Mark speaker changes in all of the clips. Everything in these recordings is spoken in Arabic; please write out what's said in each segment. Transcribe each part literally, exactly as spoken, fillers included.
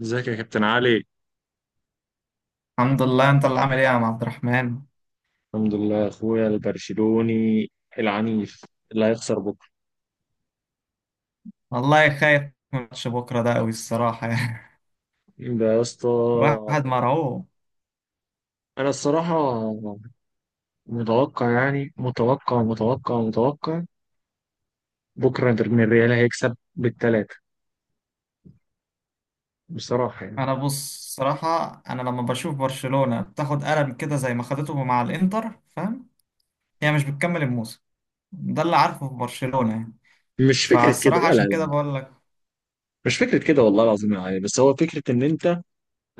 Speaker 1: ازيك يا كابتن علي؟
Speaker 2: الحمد لله، انت اللي عامل ايه يا عم عبد الرحمن؟
Speaker 1: الحمد لله يا اخويا البرشلوني العنيف اللي هيخسر بكره.
Speaker 2: والله خايف من ماتش بكره ده قوي الصراحه. يعني
Speaker 1: ده يا اسطى.
Speaker 2: واحد مرعوب.
Speaker 1: انا الصراحه متوقع، يعني متوقع متوقع متوقع، بكره انتر من الريال هيكسب بالثلاثه، بصراحه يعني.
Speaker 2: انا بص صراحه، انا لما بشوف برشلونه بتاخد قلم كده زي ما خدته مع الانتر فاهم. هي مش بتكمل الموسم، ده اللي عارفه في برشلونه يعني.
Speaker 1: مش فكره كده،
Speaker 2: فالصراحه
Speaker 1: لا لا
Speaker 2: عشان كده
Speaker 1: لا.
Speaker 2: بقول لك.
Speaker 1: مش فكره كده والله العظيم يا علي، بس هو فكره ان انت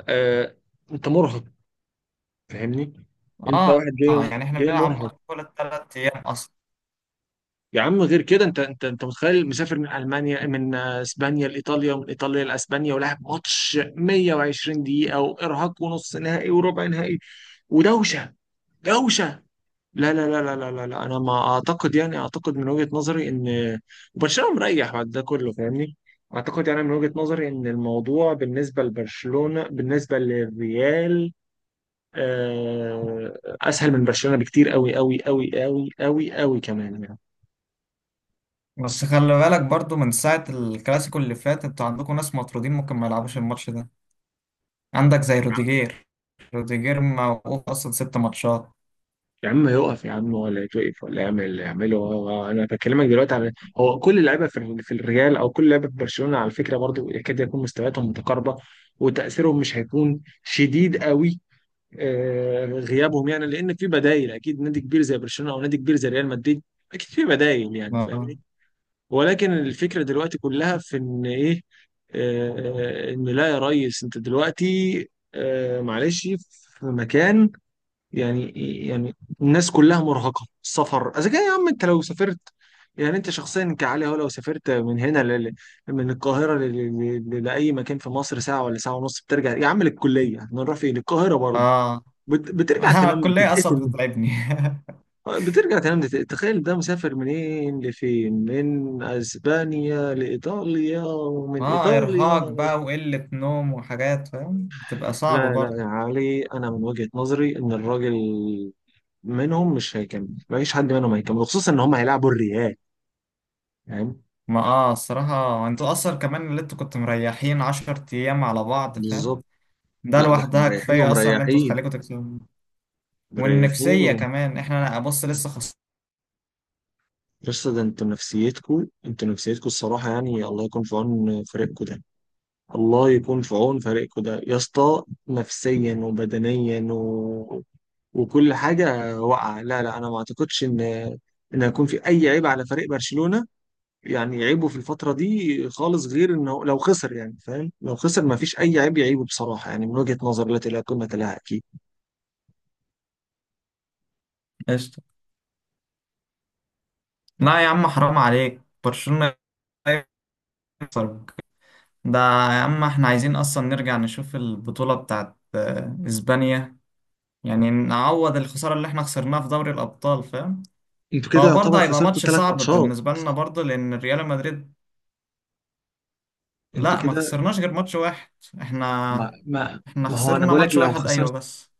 Speaker 1: آه انت مرهق، فاهمني؟ انت
Speaker 2: اه
Speaker 1: واحد
Speaker 2: اه،
Speaker 1: جاي
Speaker 2: يعني احنا
Speaker 1: جاي
Speaker 2: بنلعب ماتش
Speaker 1: مرهق
Speaker 2: كل ثلاث ايام اصلا.
Speaker 1: يا عم، غير كده انت انت انت متخيل مسافر من المانيا من آه، اسبانيا لايطاليا، ومن ايطاليا لاسبانيا، ولعب ماتش مية وعشرين دقيقه، وارهاق، ونص نهائي وربع نهائي، ودوشه دوشه. لا لا لا لا لا لا لا. انا ما اعتقد، يعني اعتقد من وجهه نظري ان برشلونه مريح بعد ده كله، فاهمني؟ اعتقد يعني من وجهه نظري ان الموضوع بالنسبه لبرشلونه بالنسبه للريال آه، اسهل من برشلونه بكتير، قوي قوي قوي قوي قوي قوي كمان.
Speaker 2: بس خلي بالك برضو، من ساعه الكلاسيكو اللي فات انتوا عندكم ناس مطرودين، ممكن ما يلعبوش الماتش ده. عندك زي روديجير، روديجير موقوف اصلا ست ماتشات.
Speaker 1: يا عم يقف، يا عم ولا يتوقف ولا يعمل اللي يعمله. هو- هو- انا بكلمك دلوقتي على، هو كل اللعيبه في في الريال او كل لعيبه في برشلونه، على فكره برضو يكاد يكون مستوياتهم متقاربه، وتاثيرهم مش هيكون شديد قوي. آه، غيابهم يعني، لان في بدايل اكيد، نادي كبير زي برشلونه او نادي كبير زي ريال مدريد، اكيد في بدايل، يعني
Speaker 2: اه
Speaker 1: فاهمني؟ ولكن الفكره دلوقتي كلها في ان ايه، آه، آه، ان لا يا ريس، انت دلوقتي آه، معلش، في مكان، يعني، يعني، الناس كلها مرهقة السفر. اذا كان يا عم انت لو سافرت، يعني انت شخصيا كعلي، هو لو سافرت من هنا ل... ل- من القاهرة ل... ل... ل... لأي مكان في مصر ساعة ولا ساعة ونص، بترجع يا عم للكلية، احنا نروح فين، القاهرة برضه.
Speaker 2: اه.
Speaker 1: بت... بترجع
Speaker 2: آه،
Speaker 1: تنام
Speaker 2: الكلية اصلا
Speaker 1: تتقتل،
Speaker 2: بتتعبني.
Speaker 1: بترجع تنام تتقتل، تخيل ده مسافر منين لفين، من اسبانيا لإيطاليا، ومن
Speaker 2: ما ارهاق
Speaker 1: إيطاليا.
Speaker 2: بقى وقلة نوم وحاجات فاهم بتبقى صعبة
Speaker 1: لا لا
Speaker 2: برضه.
Speaker 1: يا علي، انا من وجهة نظري ان الراجل منهم مش هيكمل، مفيش حد منهم هيكمل، خصوصا ان هم هيلعبوا الريال فاهم،
Speaker 2: ما اه الصراحة انتوا اصلا كمان اللي انتوا كنتوا مريحين عشر ايام على بعض فاهم.
Speaker 1: بالظبط.
Speaker 2: ده
Speaker 1: لا ده احنا
Speaker 2: لوحدها
Speaker 1: مريحين
Speaker 2: كفاية اصلا ان انتوا
Speaker 1: ومريحين
Speaker 2: تخليكوا تكسبوا.
Speaker 1: مريحين
Speaker 2: والنفسية
Speaker 1: و...
Speaker 2: كمان، احنا بص لسه خسرانين.
Speaker 1: بس ده انتوا نفسيتكوا، انتوا نفسيتكوا الصراحة، يعني الله يكون في عون فريقكوا ده، الله يكون في عون فريقكوا ده يا اسطى، نفسيا وبدنيا و... وكل حاجة واقعة. لا لا، انا ما اعتقدش ان ان هيكون في اي عيب على فريق برشلونة، يعني عيبه في الفترة دي خالص، غير انه لو خسر، يعني فاهم، لو خسر ما فيش اي عيب يعيبه بصراحة، يعني من وجهة نظر التي لا تلا قيمة لها اكيد.
Speaker 2: قشطة. لا يا عم، حرام عليك. برشلونة، ده يا عم احنا عايزين اصلا نرجع نشوف البطولة بتاعت آه، اسبانيا. يعني نعوض الخسارة اللي احنا خسرناها في دوري الابطال فاهم.
Speaker 1: انتوا كده
Speaker 2: هو برضه
Speaker 1: يعتبر
Speaker 2: هيبقى
Speaker 1: خسرتوا
Speaker 2: ماتش
Speaker 1: ثلاث
Speaker 2: صعب
Speaker 1: ماتشات،
Speaker 2: بالنسبة لنا برضه لان ريال مدريد.
Speaker 1: انتوا
Speaker 2: لا ما
Speaker 1: كده
Speaker 2: خسرناش غير ماتش واحد. احنا
Speaker 1: ما ما
Speaker 2: احنا
Speaker 1: ما هو انا
Speaker 2: خسرنا
Speaker 1: بقولك
Speaker 2: ماتش
Speaker 1: لو
Speaker 2: واحد ايوه
Speaker 1: خسرت،
Speaker 2: بس.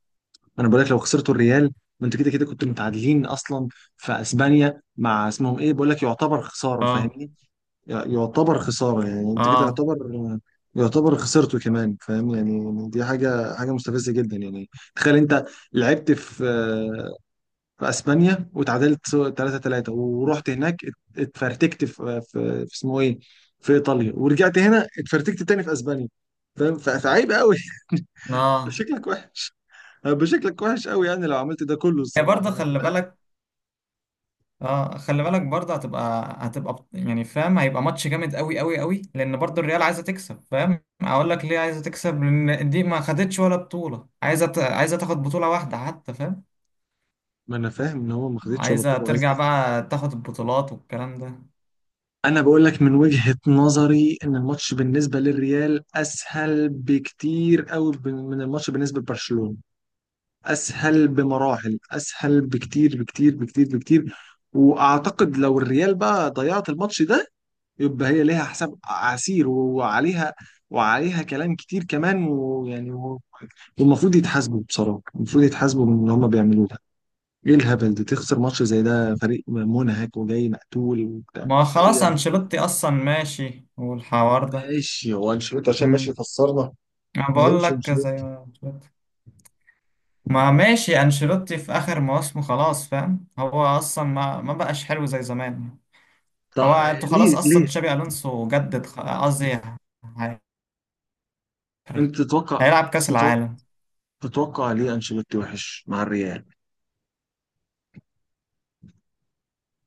Speaker 1: انا بقولك لو خسرتوا الريال، ما انتوا كده كده كنتوا متعادلين اصلا في اسبانيا مع اسمهم ايه، بقولك يعتبر خساره
Speaker 2: اه
Speaker 1: فاهمني، ي- يعتبر خساره، يعني انت كده
Speaker 2: اه
Speaker 1: يعتبر يعتبر خسرته كمان فاهم، يعني دي حاجه حاجه مستفزه جدا يعني. تخيل انت لعبت في في اسبانيا وتعادلت ثلاثة ثلاثة، ورحت هناك ات- اتفرتكت في في في اسمه ايه، في ايطاليا، ورجعت هنا اتفرتكت تاني في اسبانيا، فاهم، ف- فعيب قوي.
Speaker 2: اه.
Speaker 1: شكلك وحش، هيبقى شكلك وحش قوي، يعني لو عملت ده كله
Speaker 2: هي برضه
Speaker 1: الصراحه يعني،
Speaker 2: خلي
Speaker 1: لا.
Speaker 2: بالك، اه خلي بالك برضه هتبقى هتبقى بط- يعني فاهم هيبقى ماتش جامد قوي قوي قوي لان برضه الريال عايزه تكسب. فاهم اقول لك ليه عايزه تكسب؟ لان دي ما خدتش ولا بطوله، عايزه ت... عايزه تاخد بطوله واحده حتى فاهم.
Speaker 1: ما انا فاهم ان هو ما خدتش ولا
Speaker 2: عايزه
Speaker 1: بطوله وعايز
Speaker 2: ترجع
Speaker 1: تاخد.
Speaker 2: بقى تاخد البطولات والكلام ده.
Speaker 1: انا بقول لك من وجهه نظري ان الماتش بالنسبه للريال اسهل بكتير قوي من الماتش بالنسبه لبرشلونه، اسهل بمراحل، اسهل بكتير بكتير بكتير بكتير. واعتقد لو الريال بقى ضيعت الماتش ده، يبقى هي ليها حساب عسير، وعليها وعليها كلام كتير كمان، ويعني و- والمفروض يتحاسبوا بصراحة، المفروض يتحاسبوا من اللي هم بيعملوه ده. ايه الهبل ده، تخسر ماتش زي ده، فريق منهك وجاي مقتول وبتاع،
Speaker 2: ما هو
Speaker 1: تخسر يا
Speaker 2: خلاص
Speaker 1: ابني؟
Speaker 2: انشيلوتي اصلا ماشي والحوار ده.
Speaker 1: ماشي، هو انشيلوتي عشان ماشي
Speaker 2: امم
Speaker 1: يخسرنا؟
Speaker 2: انا
Speaker 1: ما
Speaker 2: بقول
Speaker 1: يمشي
Speaker 2: لك زي
Speaker 1: انشيلوتي.
Speaker 2: ما قلت لك. ما ماشي انشيلوتي في اخر مواسمه خلاص، فاهم هو اصلا ما ما بقاش حلو زي زمان. هو
Speaker 1: طب
Speaker 2: انتوا خلاص
Speaker 1: ليه
Speaker 2: اصلا
Speaker 1: ليه،
Speaker 2: تشابي الونسو جدد خ- قصدي هي-
Speaker 1: انت تتوقع،
Speaker 2: هيلعب كاس
Speaker 1: تتوقع،
Speaker 2: العالم.
Speaker 1: تتوقع ليه انشيلوتي وحش مع الريال،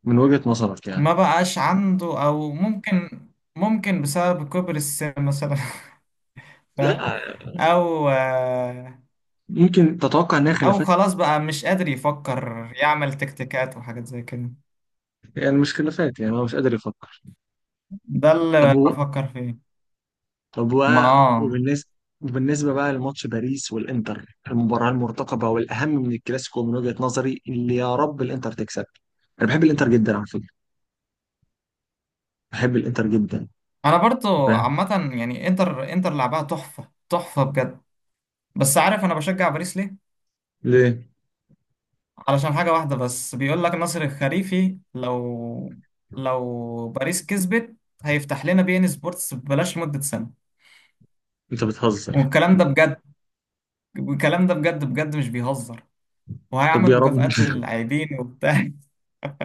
Speaker 1: من وجهة نظرك يعني؟
Speaker 2: ما بقاش عنده او ممكن ممكن بسبب كبر السن مثلا. فاهم.
Speaker 1: لا
Speaker 2: او آه،
Speaker 1: ممكن تتوقع انها
Speaker 2: او
Speaker 1: خلافات؟
Speaker 2: خلاص بقى مش قادر يفكر يعمل تكتيكات وحاجات زي كده.
Speaker 1: يعني مش خلافات، يعني هو مش قادر يفكر.
Speaker 2: ده اللي
Speaker 1: طب و...
Speaker 2: بفكر فيه.
Speaker 1: طب و...
Speaker 2: ما اه
Speaker 1: وبالنسبه وبالنسبه بقى لماتش باريس والانتر، المباراه المرتقبه والاهم من الكلاسيكو من وجهة نظري، اللي يا رب الانتر تكسب. انا بحب الانتر جدا على فكره، بحب الانتر جدا.
Speaker 2: انا برضو
Speaker 1: فاهم
Speaker 2: عامه يعني انتر انتر لعبها تحفه تحفه بجد. بس عارف انا بشجع باريس ليه؟
Speaker 1: ليه؟
Speaker 2: علشان حاجة واحدة بس. بيقول لك ناصر الخريفي، لو لو باريس كسبت هيفتح لنا بي ان سبورتس ببلاش لمدة سنة.
Speaker 1: انت بتهزر؟
Speaker 2: والكلام ده بجد، والكلام ده بجد بجد مش بيهزر.
Speaker 1: طب
Speaker 2: وهيعمل
Speaker 1: يا رب
Speaker 2: مكافآت للاعبين وبتاع.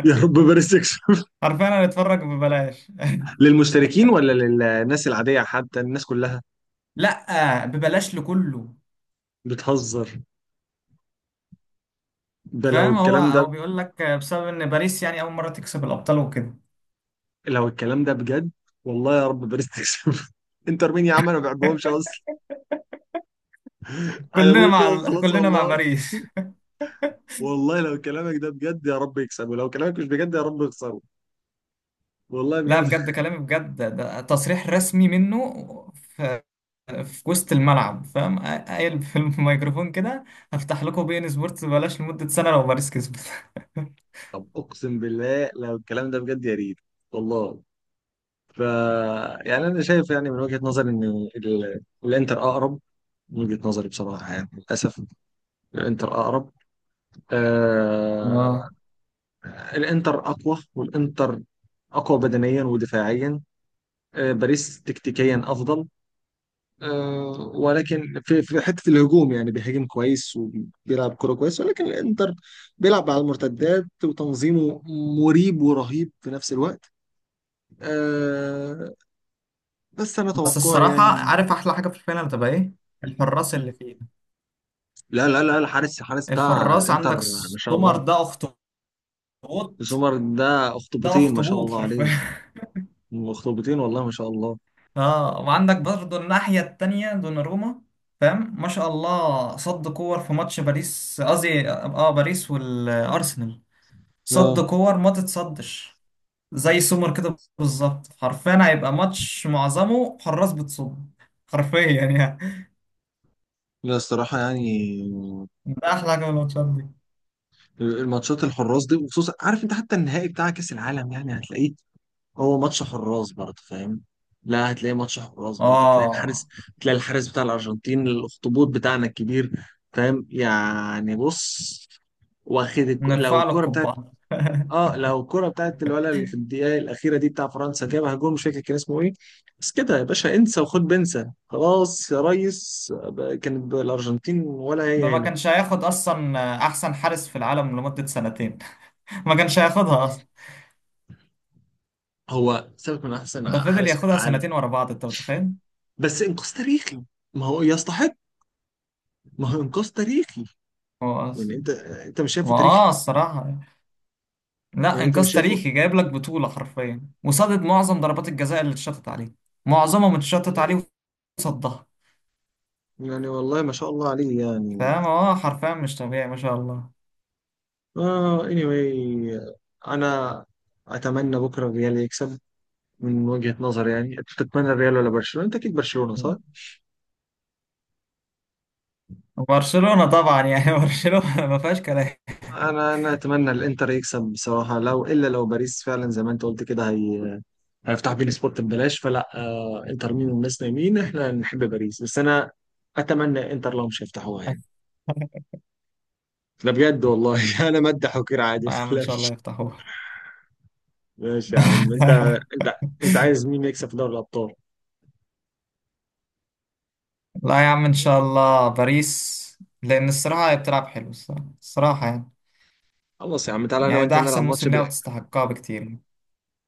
Speaker 1: يا رب باريس تكسب.
Speaker 2: حرفيا هنتفرج ببلاش.
Speaker 1: للمشتركين ولا للناس العاديه؟ حتى الناس كلها؟
Speaker 2: لا ببلاش لكله.
Speaker 1: بتهزر. ده لو
Speaker 2: فاهم، هو
Speaker 1: الكلام ده،
Speaker 2: هو بيقول لك بسبب ان باريس يعني اول مرة تكسب الابطال وكده.
Speaker 1: لو الكلام ده بجد، والله يا رب باريس تكسب. انتر مين يا عم؟ انا ما بحبهمش اصلا. انا
Speaker 2: كلنا
Speaker 1: بقول كده
Speaker 2: مع
Speaker 1: وخلاص
Speaker 2: كلنا مع
Speaker 1: والله،
Speaker 2: باريس.
Speaker 1: والله لو كلامك ده بجد يا رب يكسب، ولو كلامك مش بجد يا رب يخسره، والله
Speaker 2: لا
Speaker 1: بجد
Speaker 2: بجد كلامي بجد، ده تصريح رسمي منه. ف- في وسط الملعب فاهم، قايل في الميكروفون كده هفتح لكم بي ان سبورتس ببلاش لمدة سنة لو باريس كسبت.
Speaker 1: طب اقسم بالله لو الكلام ده بجد يا ريت، والله. ف يعني انا شايف، يعني من وجهة نظري ان ال... الانتر اقرب، من وجهة نظري بصراحة يعني للاسف الانتر اقرب. آه...
Speaker 2: اه
Speaker 1: الانتر اقوى، والانتر اقوى بدنيا ودفاعيا. آه، باريس تكتيكيا افضل، آه، ولكن في في حته الهجوم يعني بيهاجم كويس وبيلعب كوره كويس، ولكن الانتر بيلعب على المرتدات وتنظيمه مريب ورهيب في نفس الوقت، آه، بس انا
Speaker 2: بس
Speaker 1: توقع
Speaker 2: الصراحة،
Speaker 1: يعني.
Speaker 2: عارف أحلى حاجة في الفينال تبقى إيه؟ الحراس
Speaker 1: مم.
Speaker 2: اللي فيه.
Speaker 1: لا لا لا، الحارس الحارس بتاع
Speaker 2: الحراس،
Speaker 1: الانتر
Speaker 2: عندك
Speaker 1: ما شاء
Speaker 2: سومر
Speaker 1: الله،
Speaker 2: ده أخطبوط.
Speaker 1: سومر ده
Speaker 2: ده
Speaker 1: اخطبوطين ما شاء
Speaker 2: أخطبوط
Speaker 1: الله عليه،
Speaker 2: حرفيا.
Speaker 1: اخطبوطين والله ما شاء الله.
Speaker 2: آه وعندك برضه الناحية التانية دوناروما، فاهم؟ ما شاء الله صد كور في ماتش باريس قصدي آه باريس والأرسنال، صد
Speaker 1: لا
Speaker 2: كور ما تتصدش. زي السوبر كده بالظبط، حرفيا هيبقى ماتش معظمه حراس بتصد. حرفيا يعني.
Speaker 1: لا، الصراحة يعني
Speaker 2: ده احلى حاجه من الماتشات دي.
Speaker 1: الماتشات الحراس دي، وخصوصا عارف انت، حتى النهائي بتاع كأس العالم يعني هتلاقيه، هو ماتش حراس برضه فاهم، لا هتلاقي ماتش حراس برضه، هتلاقي
Speaker 2: اه،
Speaker 1: الحارس، هتلاقي الحارس بتاع الأرجنتين، الأخطبوط بتاعنا الكبير. فاهم يعني، بص، واخد الك... لو
Speaker 2: نرفع له
Speaker 1: الكرة بتاعت،
Speaker 2: القبعه.
Speaker 1: اه لو الكرة بتاعت الولد اللي في الدقيقة الأخيرة دي بتاع فرنسا جابها جول، مش فاكر كان اسمه ايه. بس كده يا باشا انسى، وخد بنسى خلاص يا ريس، كانت الأرجنتين ولا
Speaker 2: ده
Speaker 1: هي
Speaker 2: ما
Speaker 1: هنا.
Speaker 2: كانش هياخد اصلا. احسن حارس في العالم لمده سنتين. ما كانش هياخدها اصلا.
Speaker 1: هو سابق من أحسن
Speaker 2: ده فضل
Speaker 1: حارس في
Speaker 2: ياخدها
Speaker 1: العالم،
Speaker 2: سنتين ورا بعض، انت متخيل.
Speaker 1: بس إنقاذ تاريخي، ما هو يستحق، ما هو إنقاذ تاريخي.
Speaker 2: هو
Speaker 1: يعني
Speaker 2: أص-
Speaker 1: انت انت مش شايفه
Speaker 2: ما
Speaker 1: تاريخي؟
Speaker 2: اه الصراحه، لا
Speaker 1: يعني انت
Speaker 2: انجاز
Speaker 1: مش شايفه؟
Speaker 2: تاريخي جايب لك بطوله حرفيا وصدد معظم ضربات الجزاء اللي اتشطت عليه. معظمها متشطت عليه وصدها.
Speaker 1: يعني والله ما شاء الله عليه يعني.
Speaker 2: فاهم، اه حرفيا مش طبيعي ما شاء الله.
Speaker 1: اه anyway، انا اتمنى بكره الريال يكسب، من وجهة نظري يعني. انت تتمنى الريال ولا برشلونة؟ انت اكيد برشلونة، صح؟
Speaker 2: برشلونة طبعا يعني. برشلونة ما فيهاش كلام.
Speaker 1: انا انا اتمنى الانتر يكسب بصراحة، لو الا لو باريس فعلا زي ما انت قلت كده، هي هيفتح بين سبورت ببلاش، فلا آه انتر مين، والناس نايمين، احنا نحب باريس، بس انا اتمنى انتر لو مش هيفتحوها يعني. لا بجد والله انا مدح وكير عادي،
Speaker 2: لا يا عم، ان
Speaker 1: لا.
Speaker 2: شاء الله يفتحوها.
Speaker 1: ماشي يا عم، انت انت انت عايز مين يكسب في دوري الابطال؟
Speaker 2: لا يا عم، ان شاء الله باريس. لان الصراحة هي بتلعب حلو، الصراحة الصراحة يعني.
Speaker 1: خلاص يا عم، تعالى انا
Speaker 2: يعني
Speaker 1: وانت
Speaker 2: ده احسن
Speaker 1: نلعب ماتش
Speaker 2: موسم ليها
Speaker 1: بال
Speaker 2: وتستحقها بكتير.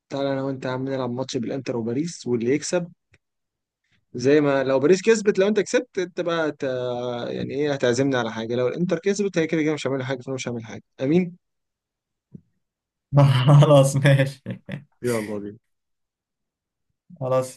Speaker 1: تعالى انا وانت يا عم نلعب ماتش بالانتر وباريس، واللي يكسب، زي ما لو باريس كسبت، لو انت كسبت انت بقى ت... يعني ايه، هتعزمني على حاجه؟ لو الانتر كسبت هي كده كده مش هعمل حاجه، فانا مش هعمل حاجه، امين.
Speaker 2: خلاص ماشي.
Speaker 1: يلا بينا.
Speaker 2: خلاص.